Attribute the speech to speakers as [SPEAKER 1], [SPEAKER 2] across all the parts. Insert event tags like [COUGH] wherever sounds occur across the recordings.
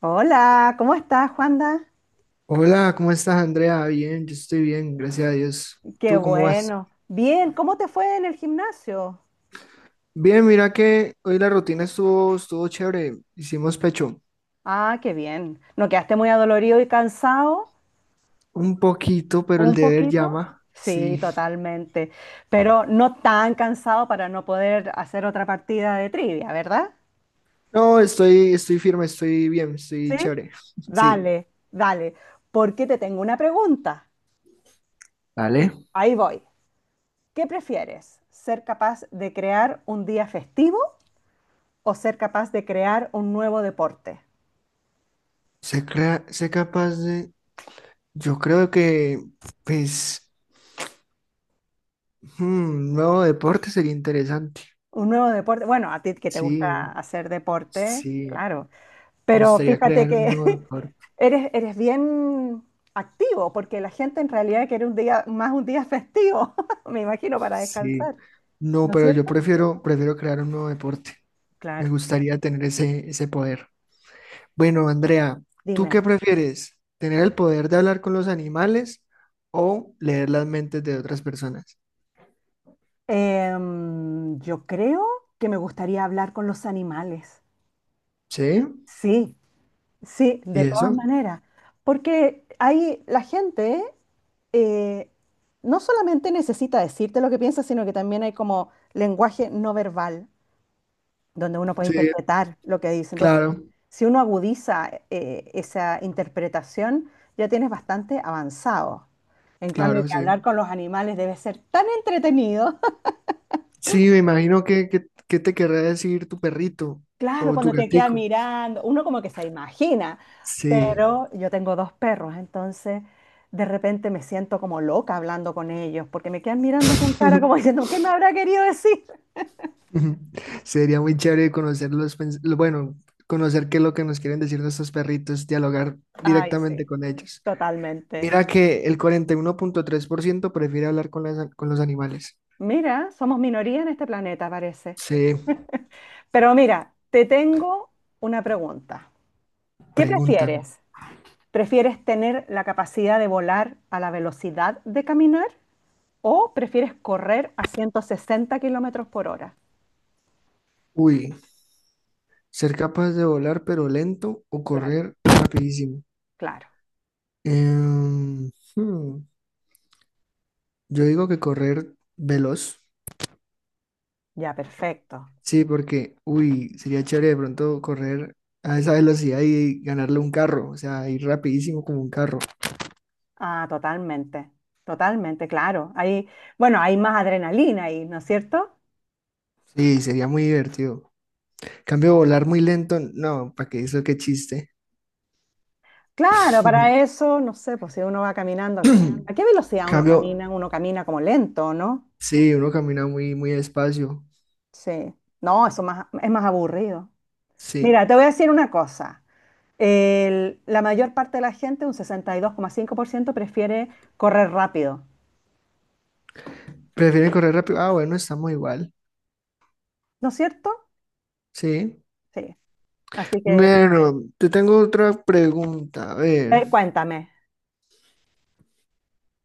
[SPEAKER 1] Hola, ¿cómo estás, Juanda?
[SPEAKER 2] Hola, ¿cómo estás, Andrea? Bien, yo estoy bien, gracias a Dios.
[SPEAKER 1] Qué
[SPEAKER 2] ¿Tú cómo vas?
[SPEAKER 1] bueno. Bien, ¿cómo te fue en el gimnasio?
[SPEAKER 2] Bien, mira que hoy la rutina estuvo chévere. Hicimos pecho
[SPEAKER 1] Ah, qué bien. ¿No quedaste muy adolorido y cansado?
[SPEAKER 2] un poquito, pero el
[SPEAKER 1] Un
[SPEAKER 2] deber
[SPEAKER 1] poquito.
[SPEAKER 2] llama.
[SPEAKER 1] Sí,
[SPEAKER 2] Sí.
[SPEAKER 1] totalmente. Pero no tan cansado para no poder hacer otra partida de trivia, ¿verdad?
[SPEAKER 2] No, estoy firme, estoy bien, estoy
[SPEAKER 1] Sí.
[SPEAKER 2] chévere. [LAUGHS] Sí.
[SPEAKER 1] Dale, dale. Porque te tengo una pregunta.
[SPEAKER 2] Dale.
[SPEAKER 1] Ahí voy. ¿Qué prefieres? ¿Ser capaz de crear un día festivo o ser capaz de crear un nuevo deporte?
[SPEAKER 2] Sé capaz de. Yo creo que, pues, un nuevo deporte sería interesante.
[SPEAKER 1] Un nuevo deporte. Bueno, a ti que te gusta
[SPEAKER 2] Sí,
[SPEAKER 1] hacer deporte,
[SPEAKER 2] sí.
[SPEAKER 1] claro.
[SPEAKER 2] Me
[SPEAKER 1] Pero
[SPEAKER 2] gustaría
[SPEAKER 1] fíjate
[SPEAKER 2] crear
[SPEAKER 1] que
[SPEAKER 2] un nuevo
[SPEAKER 1] [LAUGHS]
[SPEAKER 2] deporte.
[SPEAKER 1] eres bien activo, porque la gente en realidad quiere un día, más un día festivo, [LAUGHS] me imagino, para
[SPEAKER 2] Sí,
[SPEAKER 1] descansar,
[SPEAKER 2] no,
[SPEAKER 1] ¿no es
[SPEAKER 2] pero yo
[SPEAKER 1] cierto?
[SPEAKER 2] prefiero crear un nuevo deporte. Me
[SPEAKER 1] Claro.
[SPEAKER 2] gustaría tener ese poder. Bueno, Andrea, ¿tú qué
[SPEAKER 1] Dime,
[SPEAKER 2] prefieres? ¿Tener el poder de hablar con los animales o leer las mentes de otras personas?
[SPEAKER 1] yo creo que me gustaría hablar con los animales.
[SPEAKER 2] Sí,
[SPEAKER 1] Sí. Sí,
[SPEAKER 2] ¿y
[SPEAKER 1] de todas
[SPEAKER 2] eso?
[SPEAKER 1] maneras, porque ahí la gente eh, no solamente necesita decirte lo que piensa, sino que también hay como lenguaje no verbal, donde uno puede
[SPEAKER 2] Sí,
[SPEAKER 1] interpretar lo que dice. Entonces,
[SPEAKER 2] claro,
[SPEAKER 1] si uno agudiza esa interpretación, ya tienes bastante avanzado. En cambio,
[SPEAKER 2] claro,
[SPEAKER 1] que
[SPEAKER 2] sí.
[SPEAKER 1] hablar con los animales debe ser tan entretenido.
[SPEAKER 2] Sí, me imagino que te querrá decir tu perrito
[SPEAKER 1] Claro,
[SPEAKER 2] o tu
[SPEAKER 1] cuando te queda
[SPEAKER 2] gatico.
[SPEAKER 1] mirando, uno como que se imagina,
[SPEAKER 2] Sí.
[SPEAKER 1] pero yo tengo dos perros, entonces de repente me siento como loca hablando con ellos, porque me quedan mirando con cara como
[SPEAKER 2] [LAUGHS]
[SPEAKER 1] diciendo, ¿qué me habrá querido decir?
[SPEAKER 2] [LAUGHS] Ujú. Sería muy chévere conocer bueno, conocer qué es lo que nos quieren decir nuestros perritos, dialogar
[SPEAKER 1] Ay, sí,
[SPEAKER 2] directamente con ellos.
[SPEAKER 1] totalmente.
[SPEAKER 2] Mira que el 41,3% prefiere hablar con con los animales.
[SPEAKER 1] Mira, somos minoría en este planeta, parece.
[SPEAKER 2] Se
[SPEAKER 1] Pero mira, te tengo una pregunta. ¿Qué
[SPEAKER 2] preguntan,
[SPEAKER 1] prefieres? ¿Prefieres tener la capacidad de volar a la velocidad de caminar o prefieres correr a 160 kilómetros por hora?
[SPEAKER 2] uy, ser capaz de volar pero lento o
[SPEAKER 1] Claro.
[SPEAKER 2] correr rapidísimo.
[SPEAKER 1] Claro,
[SPEAKER 2] Em, hmm, yo digo que correr veloz,
[SPEAKER 1] ya perfecto.
[SPEAKER 2] sí, porque, uy, sería chévere de pronto correr a esa velocidad y ganarle un carro, o sea, ir rapidísimo como un carro.
[SPEAKER 1] Ah, totalmente, totalmente, claro. Hay, bueno, hay más adrenalina ahí, ¿no es cierto?
[SPEAKER 2] Sí, sería muy divertido. Cambio volar muy lento, no, ¿para qué eso? Qué chiste.
[SPEAKER 1] Claro, para
[SPEAKER 2] [CLEARS THROAT]
[SPEAKER 1] eso, no sé, pues si uno va caminando, ¿a
[SPEAKER 2] Una
[SPEAKER 1] a qué velocidad uno
[SPEAKER 2] Cambio,
[SPEAKER 1] camina? Uno camina como lento, ¿no?
[SPEAKER 2] sí, uno camina muy, muy despacio.
[SPEAKER 1] Sí. No, eso más, es más aburrido.
[SPEAKER 2] Sí.
[SPEAKER 1] Mira, te voy a decir una cosa. La mayor parte de la gente, un 62,5%, prefiere correr rápido,
[SPEAKER 2] ¿Prefieren correr rápido? Ah, bueno, estamos igual.
[SPEAKER 1] ¿no es cierto?
[SPEAKER 2] Sí.
[SPEAKER 1] Sí. Así que,
[SPEAKER 2] Bueno, te tengo otra pregunta. A ver.
[SPEAKER 1] cuéntame.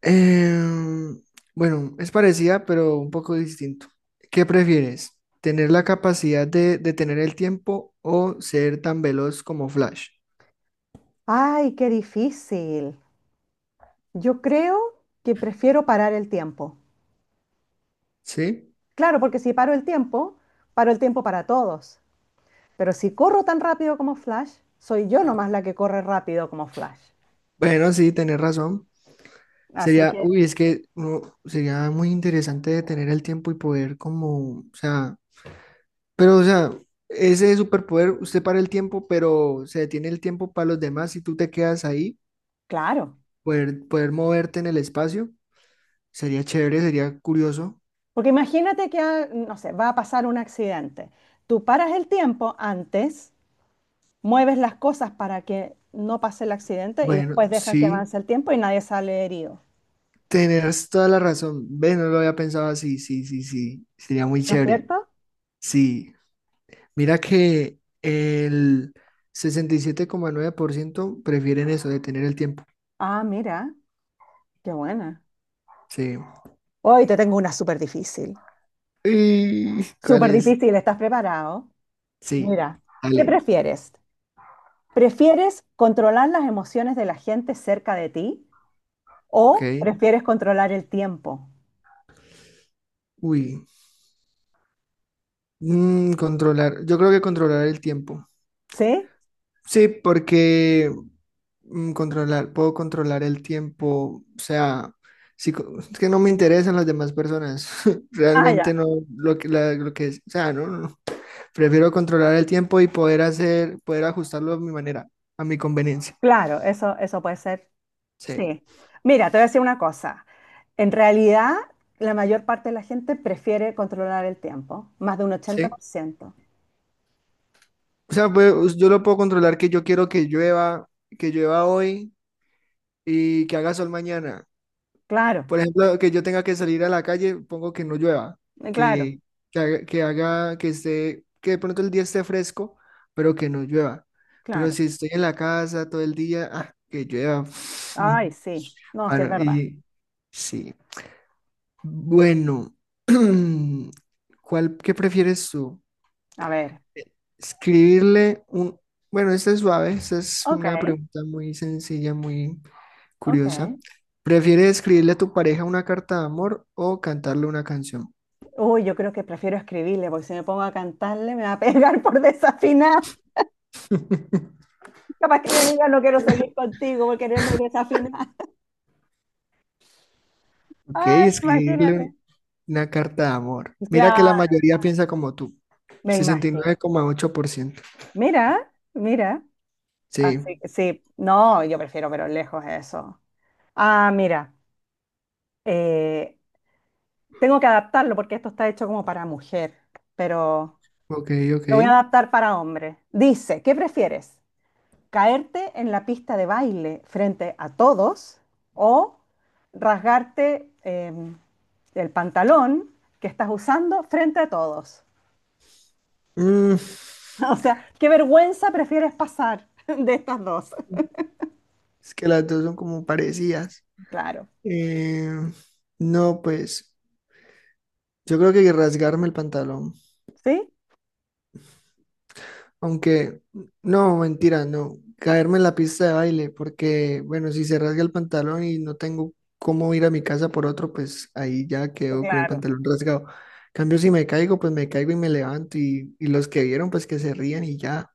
[SPEAKER 2] Em, bueno, es parecida, pero un poco distinto. ¿Qué prefieres? ¿Tener la capacidad de detener el tiempo o ser tan veloz como Flash?
[SPEAKER 1] Ay, qué difícil. Yo creo que prefiero parar el tiempo.
[SPEAKER 2] Sí.
[SPEAKER 1] Claro, porque si paro el tiempo, paro el tiempo para todos. Pero si corro tan rápido como Flash, soy yo nomás la que corre rápido como Flash.
[SPEAKER 2] Bueno, sí, tenés razón.
[SPEAKER 1] Así
[SPEAKER 2] Sería,
[SPEAKER 1] que,
[SPEAKER 2] uy, es que no, sería muy interesante de tener el tiempo y poder como, o sea, pero o sea, ese superpoder, usted para el tiempo, pero se detiene el tiempo para los demás y tú te quedas ahí,
[SPEAKER 1] claro.
[SPEAKER 2] poder moverte en el espacio, sería chévere, sería curioso.
[SPEAKER 1] Porque imagínate que, ah, no sé, va a pasar un accidente. Tú paras el tiempo antes, mueves las cosas para que no pase el accidente y
[SPEAKER 2] Bueno,
[SPEAKER 1] después dejas que
[SPEAKER 2] sí,
[SPEAKER 1] avance el tiempo y nadie sale herido.
[SPEAKER 2] tenés toda la razón. Ve, no lo había pensado así, sí, sí, sí, sería muy
[SPEAKER 1] ¿No es
[SPEAKER 2] chévere.
[SPEAKER 1] cierto?
[SPEAKER 2] Sí, mira que el 67,9% prefieren eso, detener el tiempo.
[SPEAKER 1] Ah, mira, qué buena.
[SPEAKER 2] Sí.
[SPEAKER 1] Hoy te tengo una súper difícil.
[SPEAKER 2] Uy, ¿cuál
[SPEAKER 1] Súper
[SPEAKER 2] es?
[SPEAKER 1] difícil, ¿estás preparado?
[SPEAKER 2] Sí,
[SPEAKER 1] Mira, ¿qué
[SPEAKER 2] dale.
[SPEAKER 1] prefieres? ¿Prefieres controlar las emociones de la gente cerca de ti
[SPEAKER 2] Ok.
[SPEAKER 1] o prefieres controlar el tiempo?
[SPEAKER 2] Uy. Mm, controlar. Yo creo que controlar el tiempo.
[SPEAKER 1] ¿Sí?
[SPEAKER 2] Sí, porque puedo controlar el tiempo. O sea, sí, es que no me interesan las demás personas. [LAUGHS]
[SPEAKER 1] Ah,
[SPEAKER 2] Realmente
[SPEAKER 1] ya.
[SPEAKER 2] no lo que es. O sea, no, no. No. Prefiero controlar el tiempo y poder ajustarlo a mi manera, a mi conveniencia.
[SPEAKER 1] Claro, eso puede ser.
[SPEAKER 2] Sí,
[SPEAKER 1] Sí. Mira, te voy a decir una cosa. En realidad, la mayor parte de la gente prefiere controlar el tiempo, más de un
[SPEAKER 2] sí.
[SPEAKER 1] 80%.
[SPEAKER 2] O sea, pues, yo lo puedo controlar que yo quiero que llueva, hoy y que haga sol mañana.
[SPEAKER 1] Claro,
[SPEAKER 2] Por ejemplo, que yo tenga que salir a la calle, pongo que no llueva,
[SPEAKER 1] claro,
[SPEAKER 2] que, que haga, que haga que esté, que de pronto el día esté fresco, pero que no llueva. Pero
[SPEAKER 1] claro.
[SPEAKER 2] si estoy en la casa todo el día, ah, que llueva.
[SPEAKER 1] Ay,
[SPEAKER 2] [LAUGHS]
[SPEAKER 1] sí. No, sí es
[SPEAKER 2] Bueno,
[SPEAKER 1] verdad.
[SPEAKER 2] y sí. Bueno, [CLEARS THROAT] ¿Qué prefieres tú?
[SPEAKER 1] A ver.
[SPEAKER 2] Escribirle un, bueno, esta es suave, esta es
[SPEAKER 1] Ok,
[SPEAKER 2] una pregunta muy sencilla, muy curiosa.
[SPEAKER 1] ok.
[SPEAKER 2] ¿Prefieres escribirle a tu pareja una carta de amor o cantarle una canción?
[SPEAKER 1] Uy, yo creo que prefiero escribirle, porque si me pongo a cantarle me va a pegar por desafinar. [LAUGHS] Capaz que me diga no quiero seguir contigo porque eres muy desafinada. [LAUGHS]
[SPEAKER 2] Ok,
[SPEAKER 1] Ay,
[SPEAKER 2] escribirle
[SPEAKER 1] imagínate.
[SPEAKER 2] una carta de amor. Mira que la
[SPEAKER 1] Claro,
[SPEAKER 2] mayoría piensa como tú, el
[SPEAKER 1] me
[SPEAKER 2] sesenta y
[SPEAKER 1] imagino.
[SPEAKER 2] nueve coma ocho por ciento.
[SPEAKER 1] Mira, mira.
[SPEAKER 2] Sí,
[SPEAKER 1] Así que sí, no, yo prefiero, pero lejos eso. Ah, mira, eh, tengo que adaptarlo porque esto está hecho como para mujer, pero
[SPEAKER 2] ok, ok.
[SPEAKER 1] lo voy a adaptar para hombre. Dice, ¿qué prefieres? Caerte en la pista de baile frente a todos o rasgarte el pantalón que estás usando frente a todos.
[SPEAKER 2] Mm,
[SPEAKER 1] [LAUGHS] O sea, ¿qué vergüenza prefieres pasar [LAUGHS] de estas dos?
[SPEAKER 2] es que las dos son como parecidas.
[SPEAKER 1] Claro,
[SPEAKER 2] Eh, no, pues yo creo que rasgarme el pantalón.
[SPEAKER 1] ¿sí?
[SPEAKER 2] Aunque, no, mentira, no. Caerme en la pista de baile, porque, bueno, si se rasga el pantalón y no tengo cómo ir a mi casa por otro, pues ahí ya quedo con el
[SPEAKER 1] Claro,
[SPEAKER 2] pantalón rasgado. En cambio, si me caigo, pues me caigo y me levanto y los que vieron, pues que se rían y ya.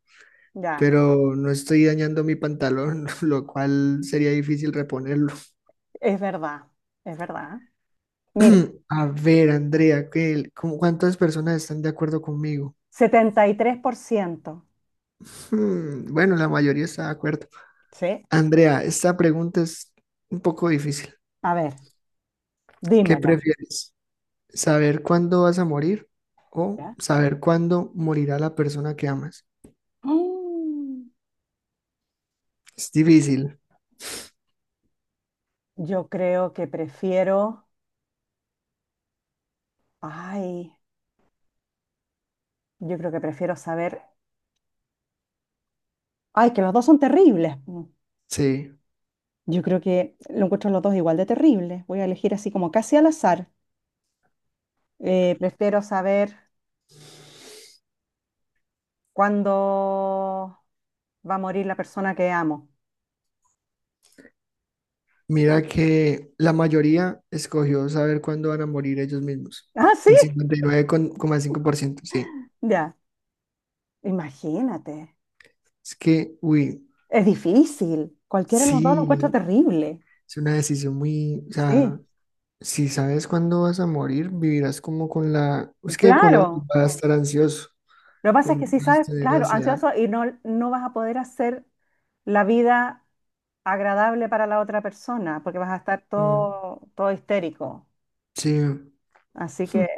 [SPEAKER 1] ya,
[SPEAKER 2] Pero no estoy dañando mi pantalón, [LAUGHS] lo cual sería difícil reponerlo.
[SPEAKER 1] es verdad, es verdad. Mira,
[SPEAKER 2] [CLEARS THROAT] A ver, Andrea, ¿ cuántas personas están de acuerdo conmigo?
[SPEAKER 1] 73%,
[SPEAKER 2] Bueno, la mayoría está de acuerdo.
[SPEAKER 1] ¿sí?
[SPEAKER 2] Andrea, esta pregunta es un poco difícil.
[SPEAKER 1] A ver,
[SPEAKER 2] ¿Qué
[SPEAKER 1] dímelo.
[SPEAKER 2] prefieres? ¿Saber cuándo vas a morir o
[SPEAKER 1] ¿Ya?
[SPEAKER 2] saber cuándo morirá la persona que amas?
[SPEAKER 1] Mm,
[SPEAKER 2] Es difícil,
[SPEAKER 1] yo creo que prefiero, ay, yo creo que prefiero saber. Ay, que los dos son terribles. Mm.
[SPEAKER 2] sí.
[SPEAKER 1] Yo creo que lo encuentro los dos igual de terribles. Voy a elegir así como casi al azar. Prefiero saber cuándo va a morir la persona que amo. [LAUGHS]
[SPEAKER 2] Mira que la mayoría escogió saber cuándo van a morir ellos mismos.
[SPEAKER 1] Ah, sí,
[SPEAKER 2] El 59,5%. Sí.
[SPEAKER 1] ya. Imagínate.
[SPEAKER 2] Es que, uy,
[SPEAKER 1] Es difícil. Cualquiera de los dos lo encuentro
[SPEAKER 2] sí,
[SPEAKER 1] terrible.
[SPEAKER 2] es una decisión muy, o sea,
[SPEAKER 1] Sí,
[SPEAKER 2] si sabes cuándo vas a morir, vivirás como con la, es que con ambos
[SPEAKER 1] claro.
[SPEAKER 2] vas a estar ansioso,
[SPEAKER 1] Lo que pasa es que
[SPEAKER 2] con
[SPEAKER 1] si
[SPEAKER 2] vas a
[SPEAKER 1] sabes,
[SPEAKER 2] tener
[SPEAKER 1] claro,
[SPEAKER 2] ansiedad.
[SPEAKER 1] ansioso y no, no vas a poder hacer la vida agradable para la otra persona porque vas a estar
[SPEAKER 2] Mm,
[SPEAKER 1] todo, todo histérico.
[SPEAKER 2] sí, [LAUGHS]
[SPEAKER 1] Así
[SPEAKER 2] Hmm.
[SPEAKER 1] que,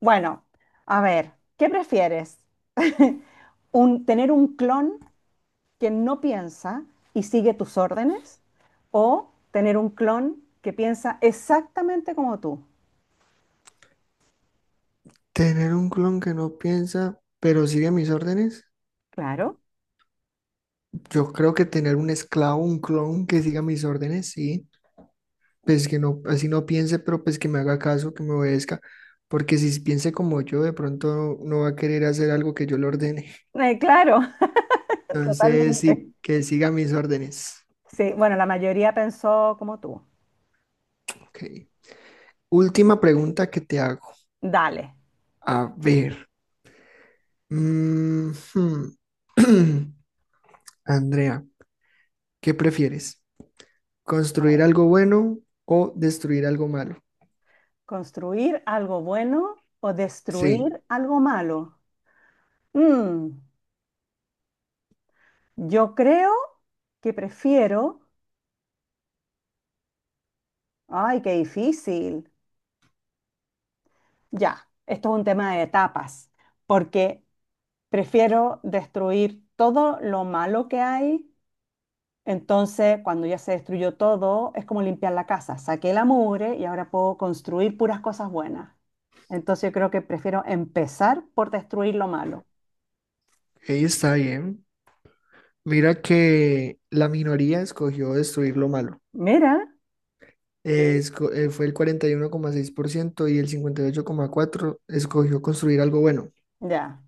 [SPEAKER 1] bueno, a ver, ¿qué prefieres? [LAUGHS] Tener un clon que no piensa y sigue tus órdenes o tener un clon que piensa exactamente como tú.
[SPEAKER 2] Tener un clon que no piensa, pero sigue mis órdenes.
[SPEAKER 1] Claro.
[SPEAKER 2] Yo creo que tener un esclavo, un clon que siga mis órdenes, sí. Pues que no, así no piense, pero pues que me haga caso, que me obedezca. Porque si piense como yo, de pronto no va a querer hacer algo que yo le ordene.
[SPEAKER 1] Claro.
[SPEAKER 2] [LAUGHS]
[SPEAKER 1] [LAUGHS]
[SPEAKER 2] Entonces,
[SPEAKER 1] Totalmente.
[SPEAKER 2] sí, que siga mis órdenes.
[SPEAKER 1] Sí, bueno, la mayoría pensó como tú.
[SPEAKER 2] Ok. Última pregunta que te hago.
[SPEAKER 1] Dale,
[SPEAKER 2] A ver. Mm, hmm. [CLEARS THROAT] Andrea, ¿qué prefieres?
[SPEAKER 1] a ver,
[SPEAKER 2] Construir algo bueno o destruir algo malo.
[SPEAKER 1] ¿construir algo bueno o
[SPEAKER 2] Sí,
[SPEAKER 1] destruir algo malo? Mm, yo creo que prefiero, ay, qué difícil. Ya, esto es un tema de etapas, porque prefiero destruir todo lo malo que hay. Entonces, cuando ya se destruyó todo, es como limpiar la casa. Saqué la mugre y ahora puedo construir puras cosas buenas. Entonces, yo creo que prefiero empezar por destruir lo malo.
[SPEAKER 2] ahí está bien. Mira que la minoría escogió destruir lo malo.
[SPEAKER 1] Mira,
[SPEAKER 2] Fue el 41,6% y 1,6% y el 58,4% escogió construir algo bueno.
[SPEAKER 1] ya.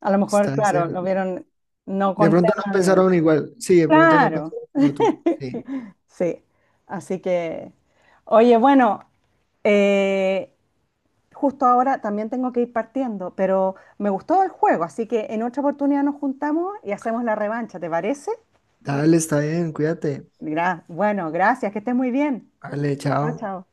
[SPEAKER 1] A lo mejor,
[SPEAKER 2] Está
[SPEAKER 1] claro, lo
[SPEAKER 2] cer-.
[SPEAKER 1] vieron no
[SPEAKER 2] De
[SPEAKER 1] con
[SPEAKER 2] pronto no
[SPEAKER 1] tema de...
[SPEAKER 2] pensaron igual. Sí, de pronto no
[SPEAKER 1] Claro.
[SPEAKER 2] pensaron como tú. Sí.
[SPEAKER 1] [LAUGHS] Sí, así que, oye, bueno, eh, justo ahora también tengo que ir partiendo, pero me gustó el juego, así que en otra oportunidad nos juntamos y hacemos la revancha, ¿te parece?
[SPEAKER 2] Dale, está bien, cuídate.
[SPEAKER 1] Bueno, gracias, que estés muy bien.
[SPEAKER 2] Vale,
[SPEAKER 1] Chao,
[SPEAKER 2] chao.
[SPEAKER 1] chao.